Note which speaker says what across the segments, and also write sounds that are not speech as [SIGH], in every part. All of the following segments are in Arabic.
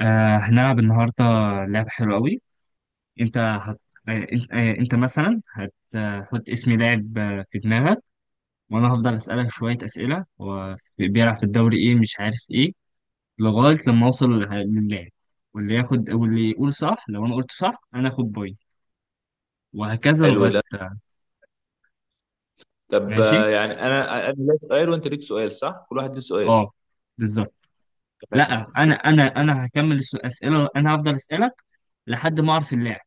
Speaker 1: هنلعب النهاردة لعبة حلوة قوي. انت هت... آه انت, آه انت مثلا هتحط اسم لاعب في دماغك، وانا هفضل اسألك شوية اسئلة. هو بيلعب في الدوري ايه؟ مش عارف ايه، لغاية لما اوصل للاعب. واللي ياخد واللي يقول صح، لو انا قلت صح انا اخد بوينت، وهكذا
Speaker 2: حلو
Speaker 1: لغاية.
Speaker 2: ده. طب
Speaker 1: ماشي.
Speaker 2: يعني انا ليا سؤال وانت ليك سؤال، صح؟ كل واحد ليه سؤال.
Speaker 1: اه. بالظبط.
Speaker 2: تمام.
Speaker 1: لا، انا هكمل اسئلة، انا هفضل اسألك لحد ما اعرف اللاعب.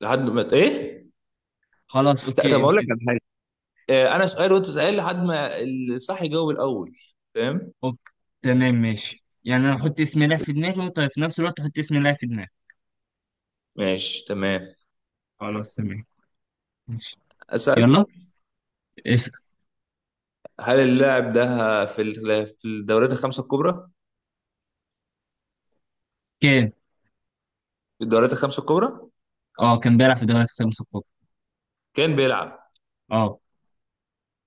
Speaker 2: لحد ما ايه؟
Speaker 1: خلاص،
Speaker 2: لا،
Speaker 1: اوكي
Speaker 2: طب
Speaker 1: أنت.
Speaker 2: اقول لك على حاجه. انا سؤال وانت سؤال لحد ما الصح يجاوب الاول، فاهم؟
Speaker 1: اوكي، تمام ماشي. يعني انا احط اسم لاعب في دماغي وانت في نفس الوقت تحط اسم لاعب في دماغي.
Speaker 2: ماشي تمام.
Speaker 1: خلاص، تمام. ماشي.
Speaker 2: اسال.
Speaker 1: يلا. اسم.
Speaker 2: هل اللاعب ده في الدوريات الخمسه الكبرى؟
Speaker 1: كان.
Speaker 2: في الدوريات الخمسه الكبرى
Speaker 1: اه، كان بيلعب في دوري الخمسة الكبرى.
Speaker 2: كان بيلعب.
Speaker 1: اه.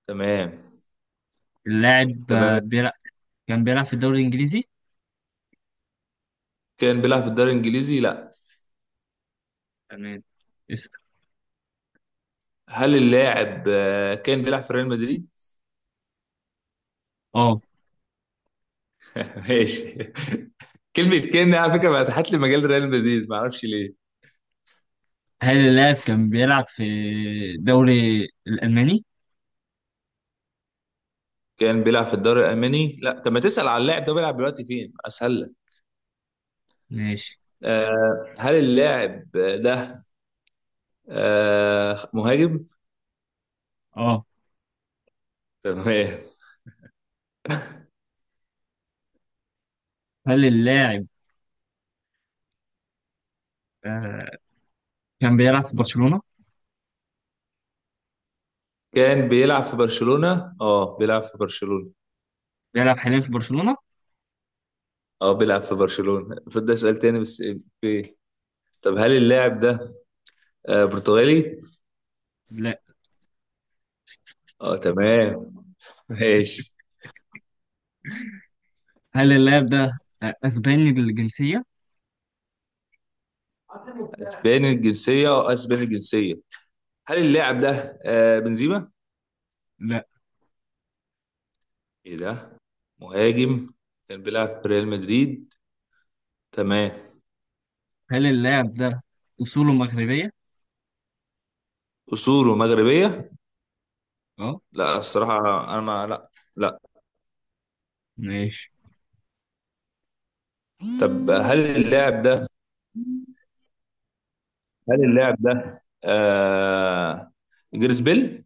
Speaker 2: تمام.
Speaker 1: اللاعب آه،
Speaker 2: تمام.
Speaker 1: بيلعب كان بيلعب في الدوري الانجليزي.
Speaker 2: كان بيلعب في الدوري الانجليزي؟ لا.
Speaker 1: تمام. اسم.
Speaker 2: هل اللاعب كان بيلعب في ريال مدريد؟
Speaker 1: اه.
Speaker 2: ماشي. [LAUGHS] كلمة كان دي على فكرة بقى فتحت لي مجال ريال مدريد، ما اعرفش ليه.
Speaker 1: هل اللاعب كان بيلعب في الدوري الالماني؟
Speaker 2: كان بيلعب في الدوري الألماني؟ لا. طب ما تسأل على اللاعب ده بيلعب دلوقتي فين، أسهل لك.
Speaker 1: ماشي.
Speaker 2: آه، هل اللاعب ده آه مهاجم؟
Speaker 1: اه.
Speaker 2: تمام.
Speaker 1: هل اللاعب آه، كان بيلعب في برشلونة؟
Speaker 2: كان بيلعب في برشلونة؟ اه بيلعب في برشلونة.
Speaker 1: بيلعب حاليا في برشلونة.
Speaker 2: اه بيلعب في برشلونة، فده سؤال تاني بس. إيه؟ طب هل اللاعب ده آه برتغالي؟
Speaker 1: لا.
Speaker 2: اه تمام. ماشي.
Speaker 1: هل اللاعب ده اسباني الجنسية؟
Speaker 2: اسباني الجنسية؟ اه اسباني الجنسية. هل اللاعب ده آه بنزيما؟
Speaker 1: لا.
Speaker 2: ايه ده؟ مهاجم، كان بيلعب في ريال مدريد. تمام.
Speaker 1: هل اللاعب ده أصوله مغربية؟
Speaker 2: اصوله مغربيه؟
Speaker 1: اه.
Speaker 2: لا الصراحه، انا ما، لا، لا.
Speaker 1: ماشي.
Speaker 2: طب هل اللاعب ده، هل اللاعب ده آه جريس بيل؟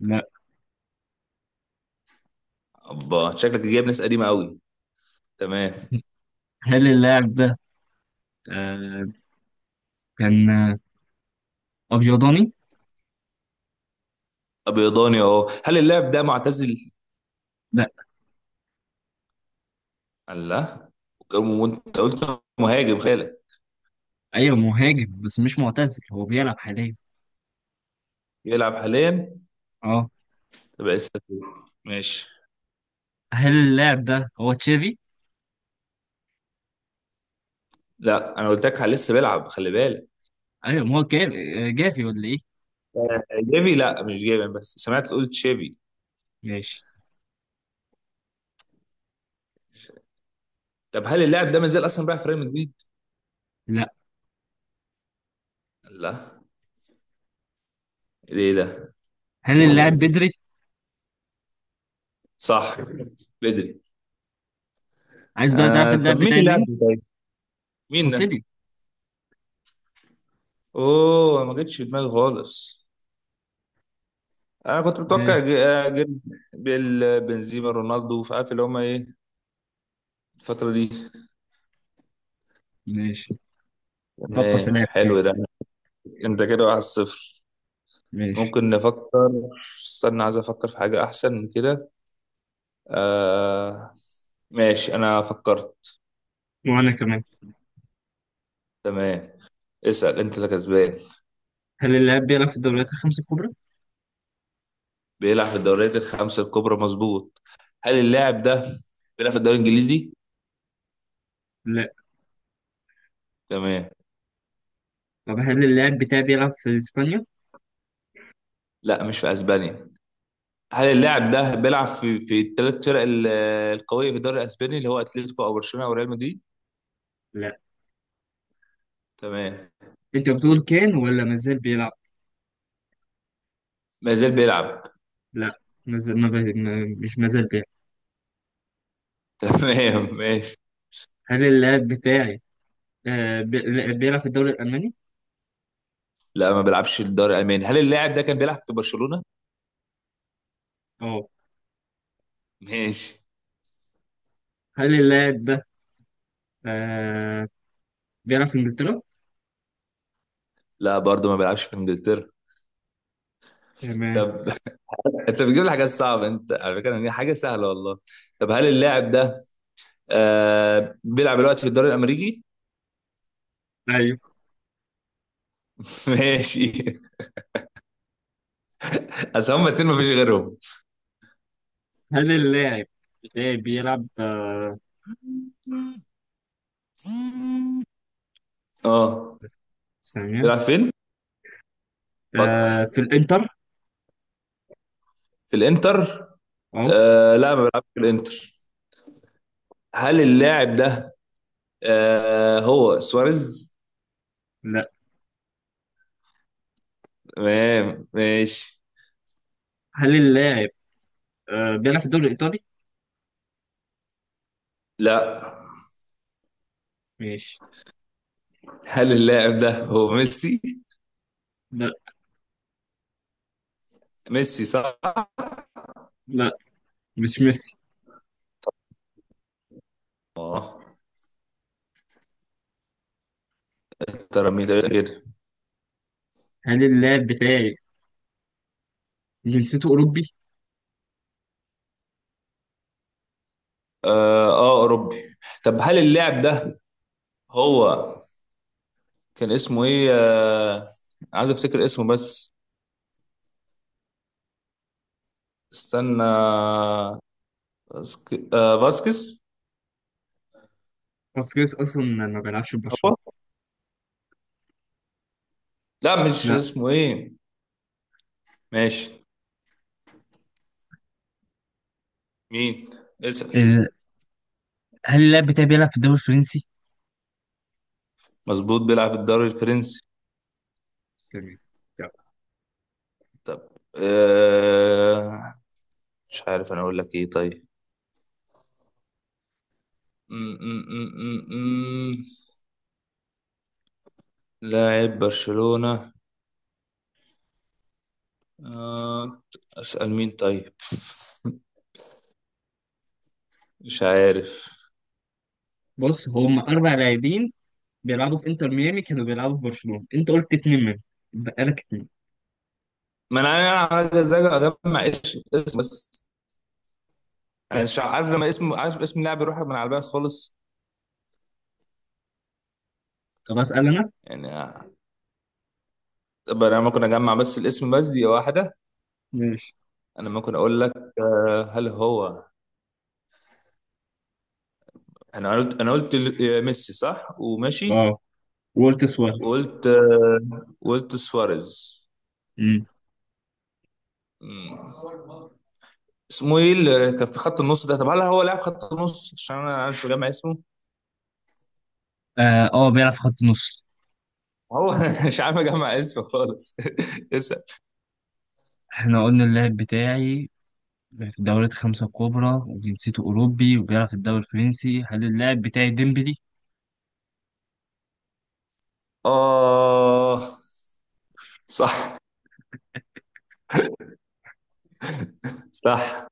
Speaker 1: لا.
Speaker 2: ابا شكلك جايب ناس قديمه قوي. تمام.
Speaker 1: هل اللاعب ده آه كان أبيضاني؟
Speaker 2: ابيضاني اهو. هل اللاعب ده معتزل؟
Speaker 1: لا.
Speaker 2: الله، وانت قلت مهاجم خالك.
Speaker 1: أيوه مهاجم بس مش معتزل، هو بيلعب حاليا.
Speaker 2: يلعب حاليا؟
Speaker 1: اه.
Speaker 2: تبقى لسه فيه. ماشي.
Speaker 1: هل اللاعب ده هو تشافي؟
Speaker 2: لا انا قلت لك لسه بيلعب، خلي بالك.
Speaker 1: أيوه، ما هو جافي ولا إيه؟
Speaker 2: جيفي؟ لا مش جيفي، بس سمعت قلت شيفي.
Speaker 1: ماشي.
Speaker 2: طب هل اللاعب ده ما زال اصلا بيلعب في ريال مدريد؟
Speaker 1: لا.
Speaker 2: لا؟ ايه ده؟
Speaker 1: هل اللاعب بدري؟
Speaker 2: صح، بدري.
Speaker 1: عايز بقى تعرف
Speaker 2: آه
Speaker 1: اللاعب
Speaker 2: طب مين
Speaker 1: بتاعي
Speaker 2: اللاعب
Speaker 1: مين؟
Speaker 2: ده طيب؟ مين ده؟
Speaker 1: خوسيلي.
Speaker 2: اوه، ما جتش في دماغي خالص. انا كنت
Speaker 1: آه،
Speaker 2: متوقع جيل، بيل، بنزيما، رونالدو، فعارف اللي هما ايه الفترة دي.
Speaker 1: ماشي. فكر في
Speaker 2: تمام
Speaker 1: لاعب
Speaker 2: حلو ده.
Speaker 1: تاني.
Speaker 2: انت كده واحد صفر.
Speaker 1: ماشي.
Speaker 2: ممكن نفكر. استنى عايز افكر في حاجة احسن من كده. آه ماشي، انا فكرت.
Speaker 1: وأنا كمان.
Speaker 2: تمام. اسأل انت اللي كسبان.
Speaker 1: هل اللاعب بيلعب في الدوريات الخمس الكبرى؟
Speaker 2: بيلعب في الدوريات الخمسة الكبرى، مظبوط. هل اللاعب ده بيلعب في الدوري الإنجليزي؟
Speaker 1: لا.
Speaker 2: تمام.
Speaker 1: طب هل اللاعب بتاعي بيلعب في إسبانيا؟
Speaker 2: لا مش في أسبانيا. هل اللاعب ده بيلعب في القوية في الدوري الأسباني اللي هو أتلتيكو أو برشلونة أو ريال مدريد؟
Speaker 1: لا.
Speaker 2: تمام.
Speaker 1: انت بتقول كان ولا مازال بيلعب؟
Speaker 2: ما زال بيلعب.
Speaker 1: لا، مازال ما ب... ما... مش مازال بيلعب.
Speaker 2: [LAUGHS] تمام ماشي.
Speaker 1: هل اللاعب بتاعي لا، بيلعب في الدوري الألماني؟
Speaker 2: لا ما بيلعبش في الدوري الألماني. هل اللاعب ده كان بيلعب في برشلونة؟
Speaker 1: اه.
Speaker 2: ماشي.
Speaker 1: هل اللاعب ده آه... بيلعب في إنجلترا؟
Speaker 2: لا برضه ما بيلعبش في إنجلترا.
Speaker 1: تمام.
Speaker 2: طب [LAUGHS] انت بتجيب لي حاجات صعبه انت على فكره، يعني حاجه سهله والله. طب هل اللاعب ده آه بيلعب دلوقتي في الدوري الامريكي؟
Speaker 1: ايوه.
Speaker 2: [LAUGHS] ماشي. اصل هما الاتنين مفيش غيرهم.
Speaker 1: هل اللاعب بتاعي بيلعب
Speaker 2: اه
Speaker 1: ثانية،
Speaker 2: بيلعب فين؟ فكر
Speaker 1: في الإنتر؟
Speaker 2: في الانتر.
Speaker 1: اه.
Speaker 2: آه لا ما بيلعبش في الانتر. هل اللاعب ده آه هو سواريز؟
Speaker 1: لا.
Speaker 2: تمام ماشي.
Speaker 1: هل اللاعب بيلعب في الدوري الإيطالي؟
Speaker 2: لا.
Speaker 1: ماشي.
Speaker 2: هل اللاعب ده هو ميسي؟
Speaker 1: لا.
Speaker 2: ميسي صح؟
Speaker 1: لا، مش ميسي.
Speaker 2: اه. ترى مين ده كده.
Speaker 1: هل اللاعب بتاعي جنسيته أوروبي؟
Speaker 2: اه اوروبي. طب هل اللاعب ده هو، كان اسمه ايه آه، عايز افتكر اسمه بس. استنى. باسكس؟
Speaker 1: باسكيز أصلا ما بيلعبش في برشلونة.
Speaker 2: هو، لا مش
Speaker 1: لا.
Speaker 2: اسمه ايه. ماشي. مين؟ اسأل.
Speaker 1: آه، هل اللاعب بتاعي بيلعب في الدوري الفرنسي؟
Speaker 2: مظبوط بيلعب الدوري الفرنسي.
Speaker 1: تمام. طب،
Speaker 2: طب آه، مش عارف انا اقول لك ايه طيب. م. لاعب برشلونة آه، اسأل مين طيب. [LAUGHS] مش عارف.
Speaker 1: بص هم اربع لاعبين بيلعبوا في انتر ميامي كانوا بيلعبوا في برشلونه، انت قلت اتنين منهم، بقى لك اتنين.
Speaker 2: ما انا، انا عايز اجمع اسم اسم بس، يعني مش عارف، لما اسم عارف اسم اللاعب يروح من على البال خالص.
Speaker 1: طب اسال انا.
Speaker 2: يعني طب انا ممكن اجمع بس الاسم بس، دي واحدة.
Speaker 1: ماشي.
Speaker 2: انا ممكن اقول لك هل هو، انا قلت ميسي صح وماشي.
Speaker 1: اه. وولت سوارز.
Speaker 2: وقلت وقلت سواريز.
Speaker 1: امم.
Speaker 2: مم. اسمه ايه اللي كان في خط النص ده؟ طب هل هو لاعب خط النص، عشان انا مش جامع اسمه.
Speaker 1: اه، بيلعب في خط النص.
Speaker 2: هو [LAUGHS] أنا مش عارف اجمع اسمه خالص. [LAUGHS] اسال.
Speaker 1: احنا قلنا اللاعب بتاعي في الدوريات الخمسة الكبرى وجنسيته أوروبي وبيلعب في الدوري الفرنسي، هل اللاعب بتاعي ديمبلي؟
Speaker 2: اه صح، صح.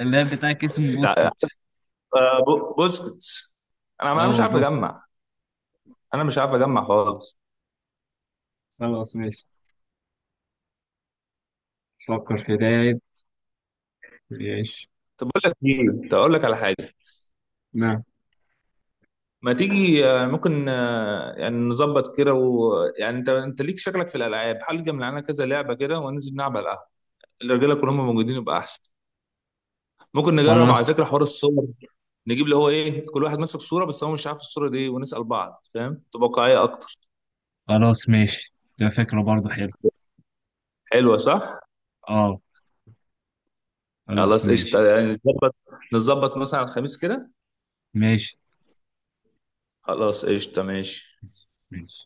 Speaker 1: اللاعب بتاعك اسمه
Speaker 2: تع-
Speaker 1: بوسكيتش
Speaker 2: بوسكيتس. انا مش
Speaker 1: أو
Speaker 2: عارف
Speaker 1: بوس
Speaker 2: اجمع، انا مش عارف اجمع خالص.
Speaker 1: خلاص ماشي. فكر في لاعب. ماشي.
Speaker 2: تقول لك على حاجه؟
Speaker 1: نعم.
Speaker 2: ما تيجي ممكن يعني نظبط كده، ويعني انت ليك شكلك في الالعاب، حل معانا كذا لعبه كده وننزل نلعب على القهوه. الرجاله كلهم موجودين يبقى احسن. ممكن نجرب على
Speaker 1: خلاص.
Speaker 2: فكره حوار الصور. نجيب اللي هو ايه، كل واحد ماسك صوره بس هو مش عارف الصوره دي إيه، ونسال بعض، فاهم؟ تبقى واقعيه اكتر.
Speaker 1: خلاص ماشي. ده فكرة برضه حلو.
Speaker 2: حلوه صح.
Speaker 1: اه. خلاص
Speaker 2: خلاص
Speaker 1: ماشي.
Speaker 2: قشطه، يعني نظبط. نظبط مثلا على الخميس كده.
Speaker 1: ماشي.
Speaker 2: خلاص قشطه ماشي.
Speaker 1: ماشي.